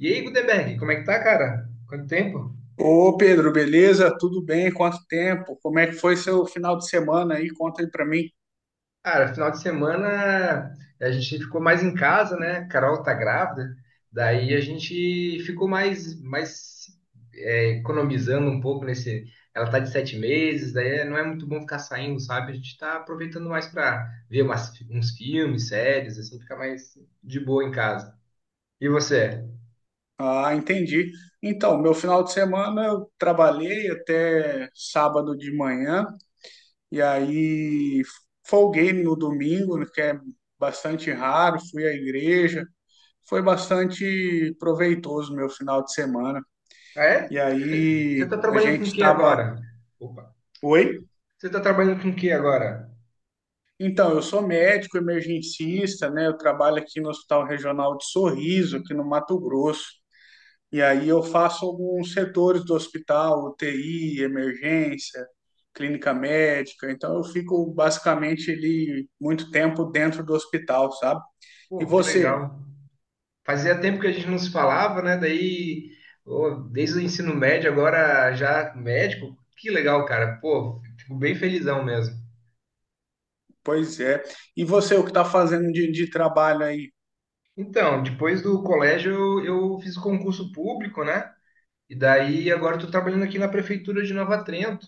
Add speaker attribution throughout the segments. Speaker 1: E aí, Gutenberg, como é que tá, cara? Quanto tempo?
Speaker 2: Ô Pedro, beleza? Tudo bem? Quanto tempo? Como é que foi seu final de semana aí? Conta aí pra mim.
Speaker 1: Cara, final de semana a gente ficou mais em casa, né? A Carol tá grávida, daí a gente ficou mais economizando um pouco nesse. Ela tá de 7 meses, daí não é muito bom ficar saindo, sabe? A gente tá aproveitando mais pra ver uns filmes, séries, assim, ficar mais de boa em casa. E você?
Speaker 2: Ah, entendi. Então, meu final de semana eu trabalhei até sábado de manhã e aí folguei no domingo, né, que é bastante raro. Fui à igreja, foi bastante proveitoso meu final de semana.
Speaker 1: Ah, é?
Speaker 2: E
Speaker 1: Você
Speaker 2: aí
Speaker 1: tá
Speaker 2: a
Speaker 1: trabalhando
Speaker 2: gente
Speaker 1: com o que
Speaker 2: estava.
Speaker 1: agora? Opa!
Speaker 2: Oi?
Speaker 1: Você tá trabalhando com o que agora?
Speaker 2: Então, eu sou médico emergencista, né? Eu trabalho aqui no Hospital Regional de Sorriso, aqui no Mato Grosso. E aí eu faço alguns setores do hospital, UTI, emergência, clínica médica. Então, eu fico basicamente ali muito tempo dentro do hospital, sabe? E
Speaker 1: Pô, que
Speaker 2: você?
Speaker 1: legal. Fazia tempo que a gente não se falava, né? Daí, ô, desde o ensino médio, agora já médico. Que legal, cara. Pô, fico bem felizão mesmo.
Speaker 2: Pois é. E você, o que está fazendo de trabalho aí?
Speaker 1: Então, depois do colégio eu fiz o concurso público, né? E daí agora estou trabalhando aqui na prefeitura de Nova Trento,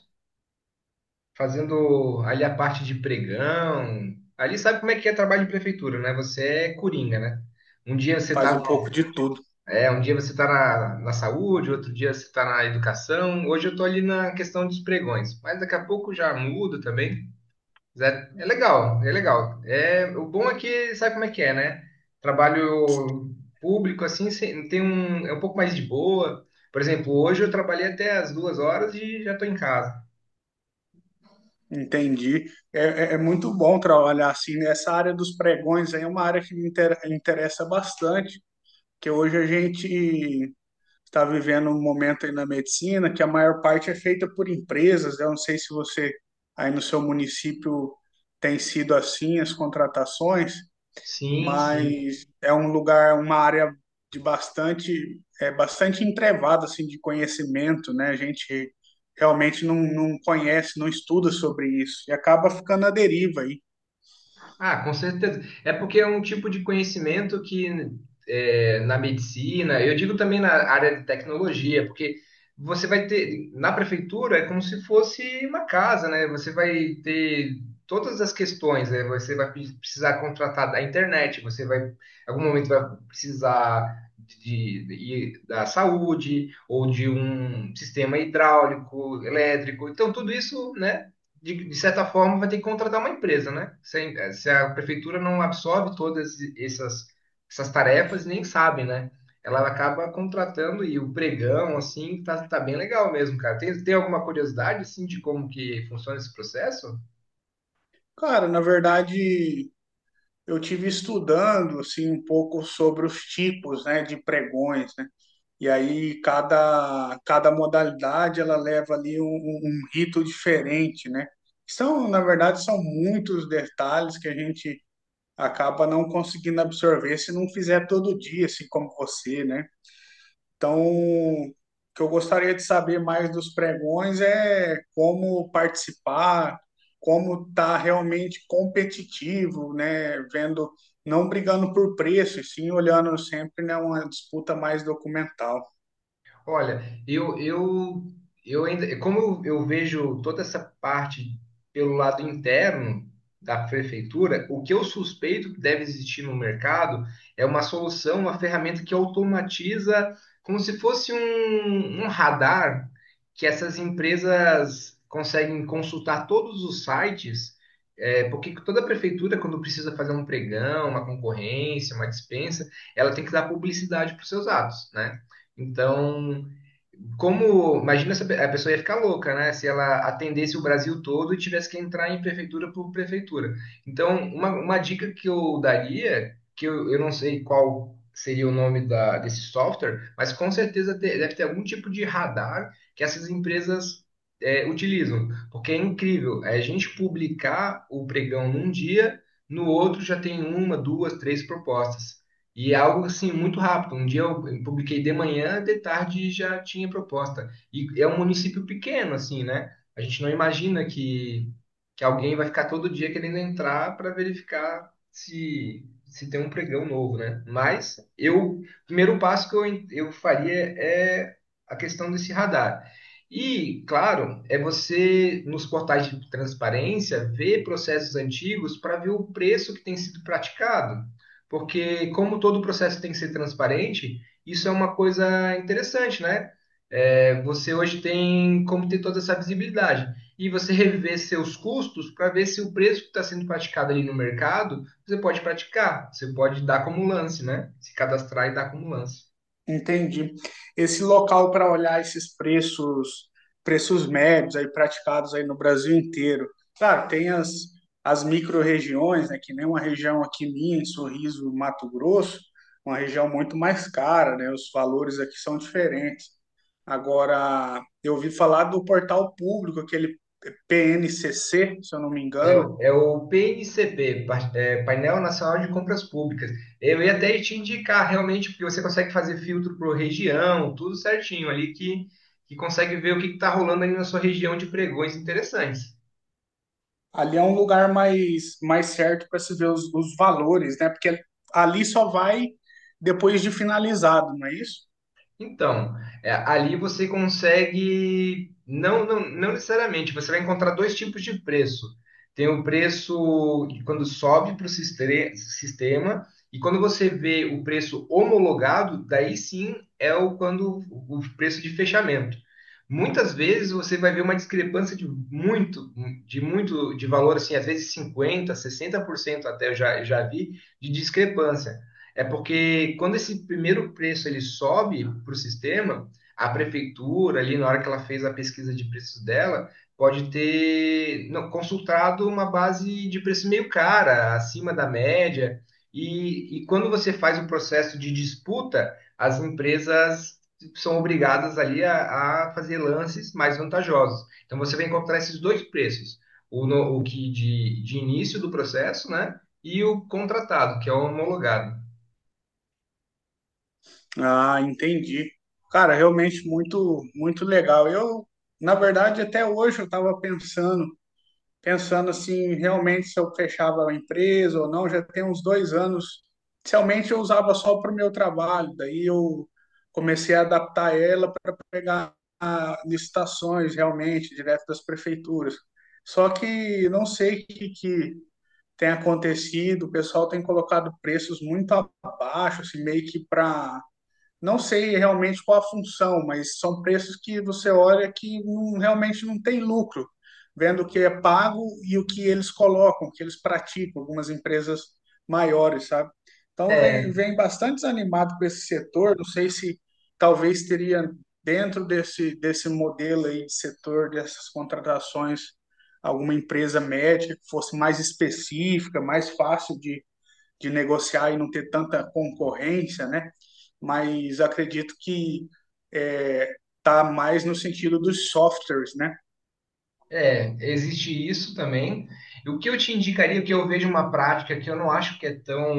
Speaker 1: fazendo ali a parte de pregão. Ali sabe como é que é trabalho de prefeitura, né? Você é coringa, né? Um dia você tá
Speaker 2: Faz um pouco de tudo.
Speaker 1: É, um dia você está na, saúde, outro dia você está na educação. Hoje eu estou ali na questão dos pregões, mas daqui a pouco já mudo também. Mas é legal, é legal. O bom é que sabe como é que é, né? Trabalho público assim é um pouco mais de boa. Por exemplo, hoje eu trabalhei até as 2 horas e já estou em casa.
Speaker 2: Entendi. É, é muito bom trabalhar assim, né? Essa área dos pregões aí é uma área que me interessa bastante. Que hoje a gente está vivendo um momento aí na medicina que a maior parte é feita por empresas, né? Eu não sei se você aí no seu município tem sido assim as contratações,
Speaker 1: Sim, sim.
Speaker 2: mas é um lugar, uma área de bastante, é bastante entrevada assim de conhecimento, né? A gente realmente não conhece, não estuda sobre isso e acaba ficando à deriva aí.
Speaker 1: Ah, com certeza. É porque é um tipo de conhecimento que na medicina, eu digo também na área de tecnologia, porque você vai ter, na prefeitura é como se fosse uma casa, né? Você vai ter todas as questões, né? Você vai precisar contratar da internet, você vai, em algum momento vai precisar de, da saúde ou de um sistema hidráulico, elétrico. Então, tudo isso, né? De certa forma, vai ter que contratar uma empresa, né? Se a prefeitura não absorve todas essas tarefas, nem sabe, né? Ela acaba contratando e o pregão, assim, tá, tá bem legal mesmo, cara. Tem alguma curiosidade, assim, de como que funciona esse processo?
Speaker 2: Cara, na verdade, eu tive estudando assim um pouco sobre os tipos, né, de pregões, né? E aí cada modalidade ela leva ali um, um rito diferente, né? São, na verdade, são muitos detalhes que a gente acaba não conseguindo absorver se não fizer todo dia, assim como você, né? Então, o que eu gostaria de saber mais dos pregões é como participar, como estar realmente competitivo, né? Vendo, não brigando por preço, e sim olhando sempre, né, uma disputa mais documental.
Speaker 1: Olha, eu ainda, como eu vejo toda essa parte pelo lado interno da prefeitura, o que eu suspeito que deve existir no mercado é uma solução, uma ferramenta que automatiza, como se fosse um radar que essas empresas conseguem consultar todos os sites, porque toda prefeitura, quando precisa fazer um pregão, uma concorrência, uma dispensa, ela tem que dar publicidade para os seus atos, né? Então, como, imagina se a pessoa ia ficar louca, né? Se ela atendesse o Brasil todo e tivesse que entrar em prefeitura por prefeitura. Então, uma dica que eu daria, que eu não sei qual seria o nome desse software, mas com certeza deve ter algum tipo de radar que essas empresas utilizam. Porque é incrível, é a gente publicar o pregão num dia, no outro já tem uma, duas, três propostas. E é algo assim muito rápido. Um dia eu publiquei de manhã, de tarde já tinha proposta. E é um município pequeno, assim, né? A gente não imagina que alguém vai ficar todo dia querendo entrar para verificar se tem um pregão novo, né? Mas eu, o primeiro passo que eu faria é a questão desse radar. E, claro, é você, nos portais de transparência, ver processos antigos para ver o preço que tem sido praticado porque como todo o processo tem que ser transparente, isso é uma coisa interessante, né? Você hoje tem como ter toda essa visibilidade e você rever seus custos para ver se o preço que está sendo praticado ali no mercado você pode praticar, você pode dar como lance, né? Se cadastrar e dar como lance.
Speaker 2: Entendi. Esse local para olhar esses preços, preços médios aí praticados aí no Brasil inteiro. Claro, tem as, as micro-regiões, né, que nem uma região aqui minha, em Sorriso, Mato Grosso, uma região muito mais cara, né? Os valores aqui são diferentes. Agora, eu ouvi falar do portal público, aquele PNCC, se eu não me
Speaker 1: É,
Speaker 2: engano.
Speaker 1: o- é o PNCP, Painel Nacional de Compras Públicas. Eu ia até te indicar realmente, porque você consegue fazer filtro por região, tudo certinho ali, que consegue ver o que está rolando ali na sua região de pregões interessantes.
Speaker 2: Ali é um lugar mais, mais certo para se ver os valores, né? Porque ali só vai depois de finalizado, não é isso?
Speaker 1: Então, ali você consegue, não, não, não necessariamente, você vai encontrar dois tipos de preço. Tem o preço de quando sobe para o sistema, e quando você vê o preço homologado, daí sim é o quando o preço de fechamento. Muitas vezes você vai ver uma discrepância de valor, assim, às vezes 50, 60% até eu já vi, de discrepância. É porque quando esse primeiro preço ele sobe para o sistema, a prefeitura, ali na hora que ela fez a pesquisa de preços dela, pode ter não, consultado uma base de preço meio cara, acima da média. E quando você faz o processo de disputa, as empresas são obrigadas ali a fazer lances mais vantajosos. Então você vai encontrar esses dois preços, o, no- o que de início do processo, né? E o contratado, que é o homologado.
Speaker 2: Ah, entendi. Cara, realmente muito, muito legal. Eu, na verdade, até hoje eu estava pensando assim, realmente se eu fechava a empresa ou não, já tem uns 2 anos. Inicialmente eu usava só para o meu trabalho, daí eu comecei a adaptar ela para pegar licitações realmente, direto das prefeituras. Só que não sei o que, que tem acontecido, o pessoal tem colocado preços muito abaixo, assim, meio que para não sei realmente qual a função, mas são preços que você olha que realmente não tem lucro, vendo o que é pago e o que eles colocam, o que eles praticam, algumas empresas maiores, sabe? Então, vem,
Speaker 1: É,
Speaker 2: vem bastante desanimado com esse setor. Não sei se talvez teria dentro desse modelo aí de setor, dessas contratações, alguma empresa média que fosse mais específica, mais fácil de negociar e não ter tanta concorrência, né? Mas acredito que é, tá mais no sentido dos softwares, né?
Speaker 1: existe isso também. E o que eu te indicaria, que eu vejo uma prática que eu não acho que é tão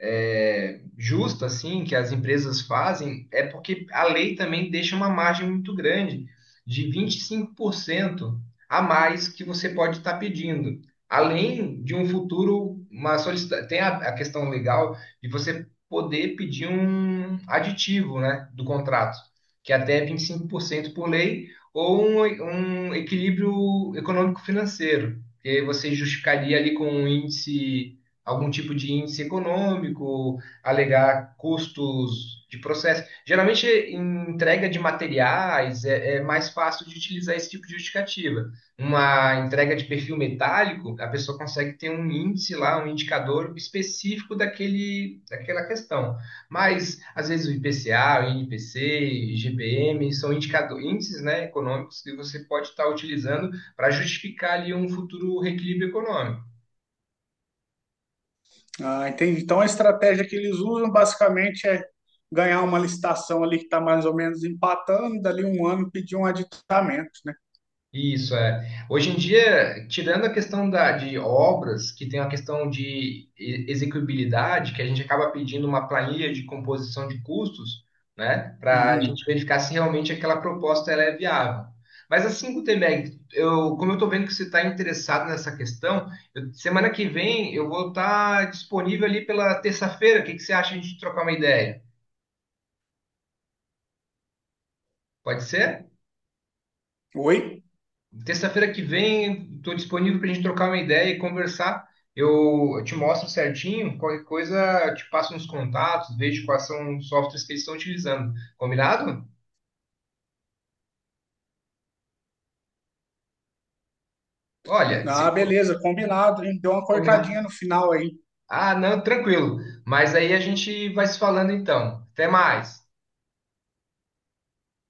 Speaker 1: justa assim que as empresas fazem é porque a lei também deixa uma margem muito grande de 25% a mais que você pode estar pedindo. Além de um futuro, tem a questão legal de você poder pedir um aditivo, né, do contrato, que é até 25% por cento por lei, ou um equilíbrio econômico-financeiro, que você justificaria ali com um índice, algum tipo de índice econômico, alegar custos de processo. Geralmente, em entrega de materiais, é mais fácil de utilizar esse tipo de justificativa. Uma entrega de perfil metálico, a pessoa consegue ter um índice lá, um indicador específico daquele, daquela questão. Mas, às vezes, o IPCA, o INPC, GPM, são indicador, índices, né, econômicos que você pode estar utilizando para justificar ali um futuro reequilíbrio econômico.
Speaker 2: Ah, entendi. Então a estratégia que eles usam basicamente é ganhar uma licitação ali que está mais ou menos empatando, dali um ano pedir um aditamento, né?
Speaker 1: Isso é. Hoje em dia, tirando a questão da, de obras, que tem a questão de execuibilidade, que a gente acaba pedindo uma planilha de composição de custos, né, para a
Speaker 2: Uhum.
Speaker 1: gente verificar se realmente aquela proposta ela é viável. Mas assim, Gutenberg, eu, como eu estou vendo que você está interessado nessa questão, semana que vem eu vou estar disponível ali pela terça-feira. O que que você acha de a gente trocar uma ideia? Pode ser?
Speaker 2: Oi?
Speaker 1: Terça-feira que vem, estou disponível para a gente trocar uma ideia e conversar. Eu te mostro certinho, qualquer coisa, eu te passo uns contatos, vejo quais são os softwares que eles estão utilizando. Combinado? Olha, se
Speaker 2: Ah, beleza, combinado, hein? Deu uma
Speaker 1: combinado.
Speaker 2: cortadinha no final aí.
Speaker 1: Ah, não, tranquilo. Mas aí a gente vai se falando então. Até mais.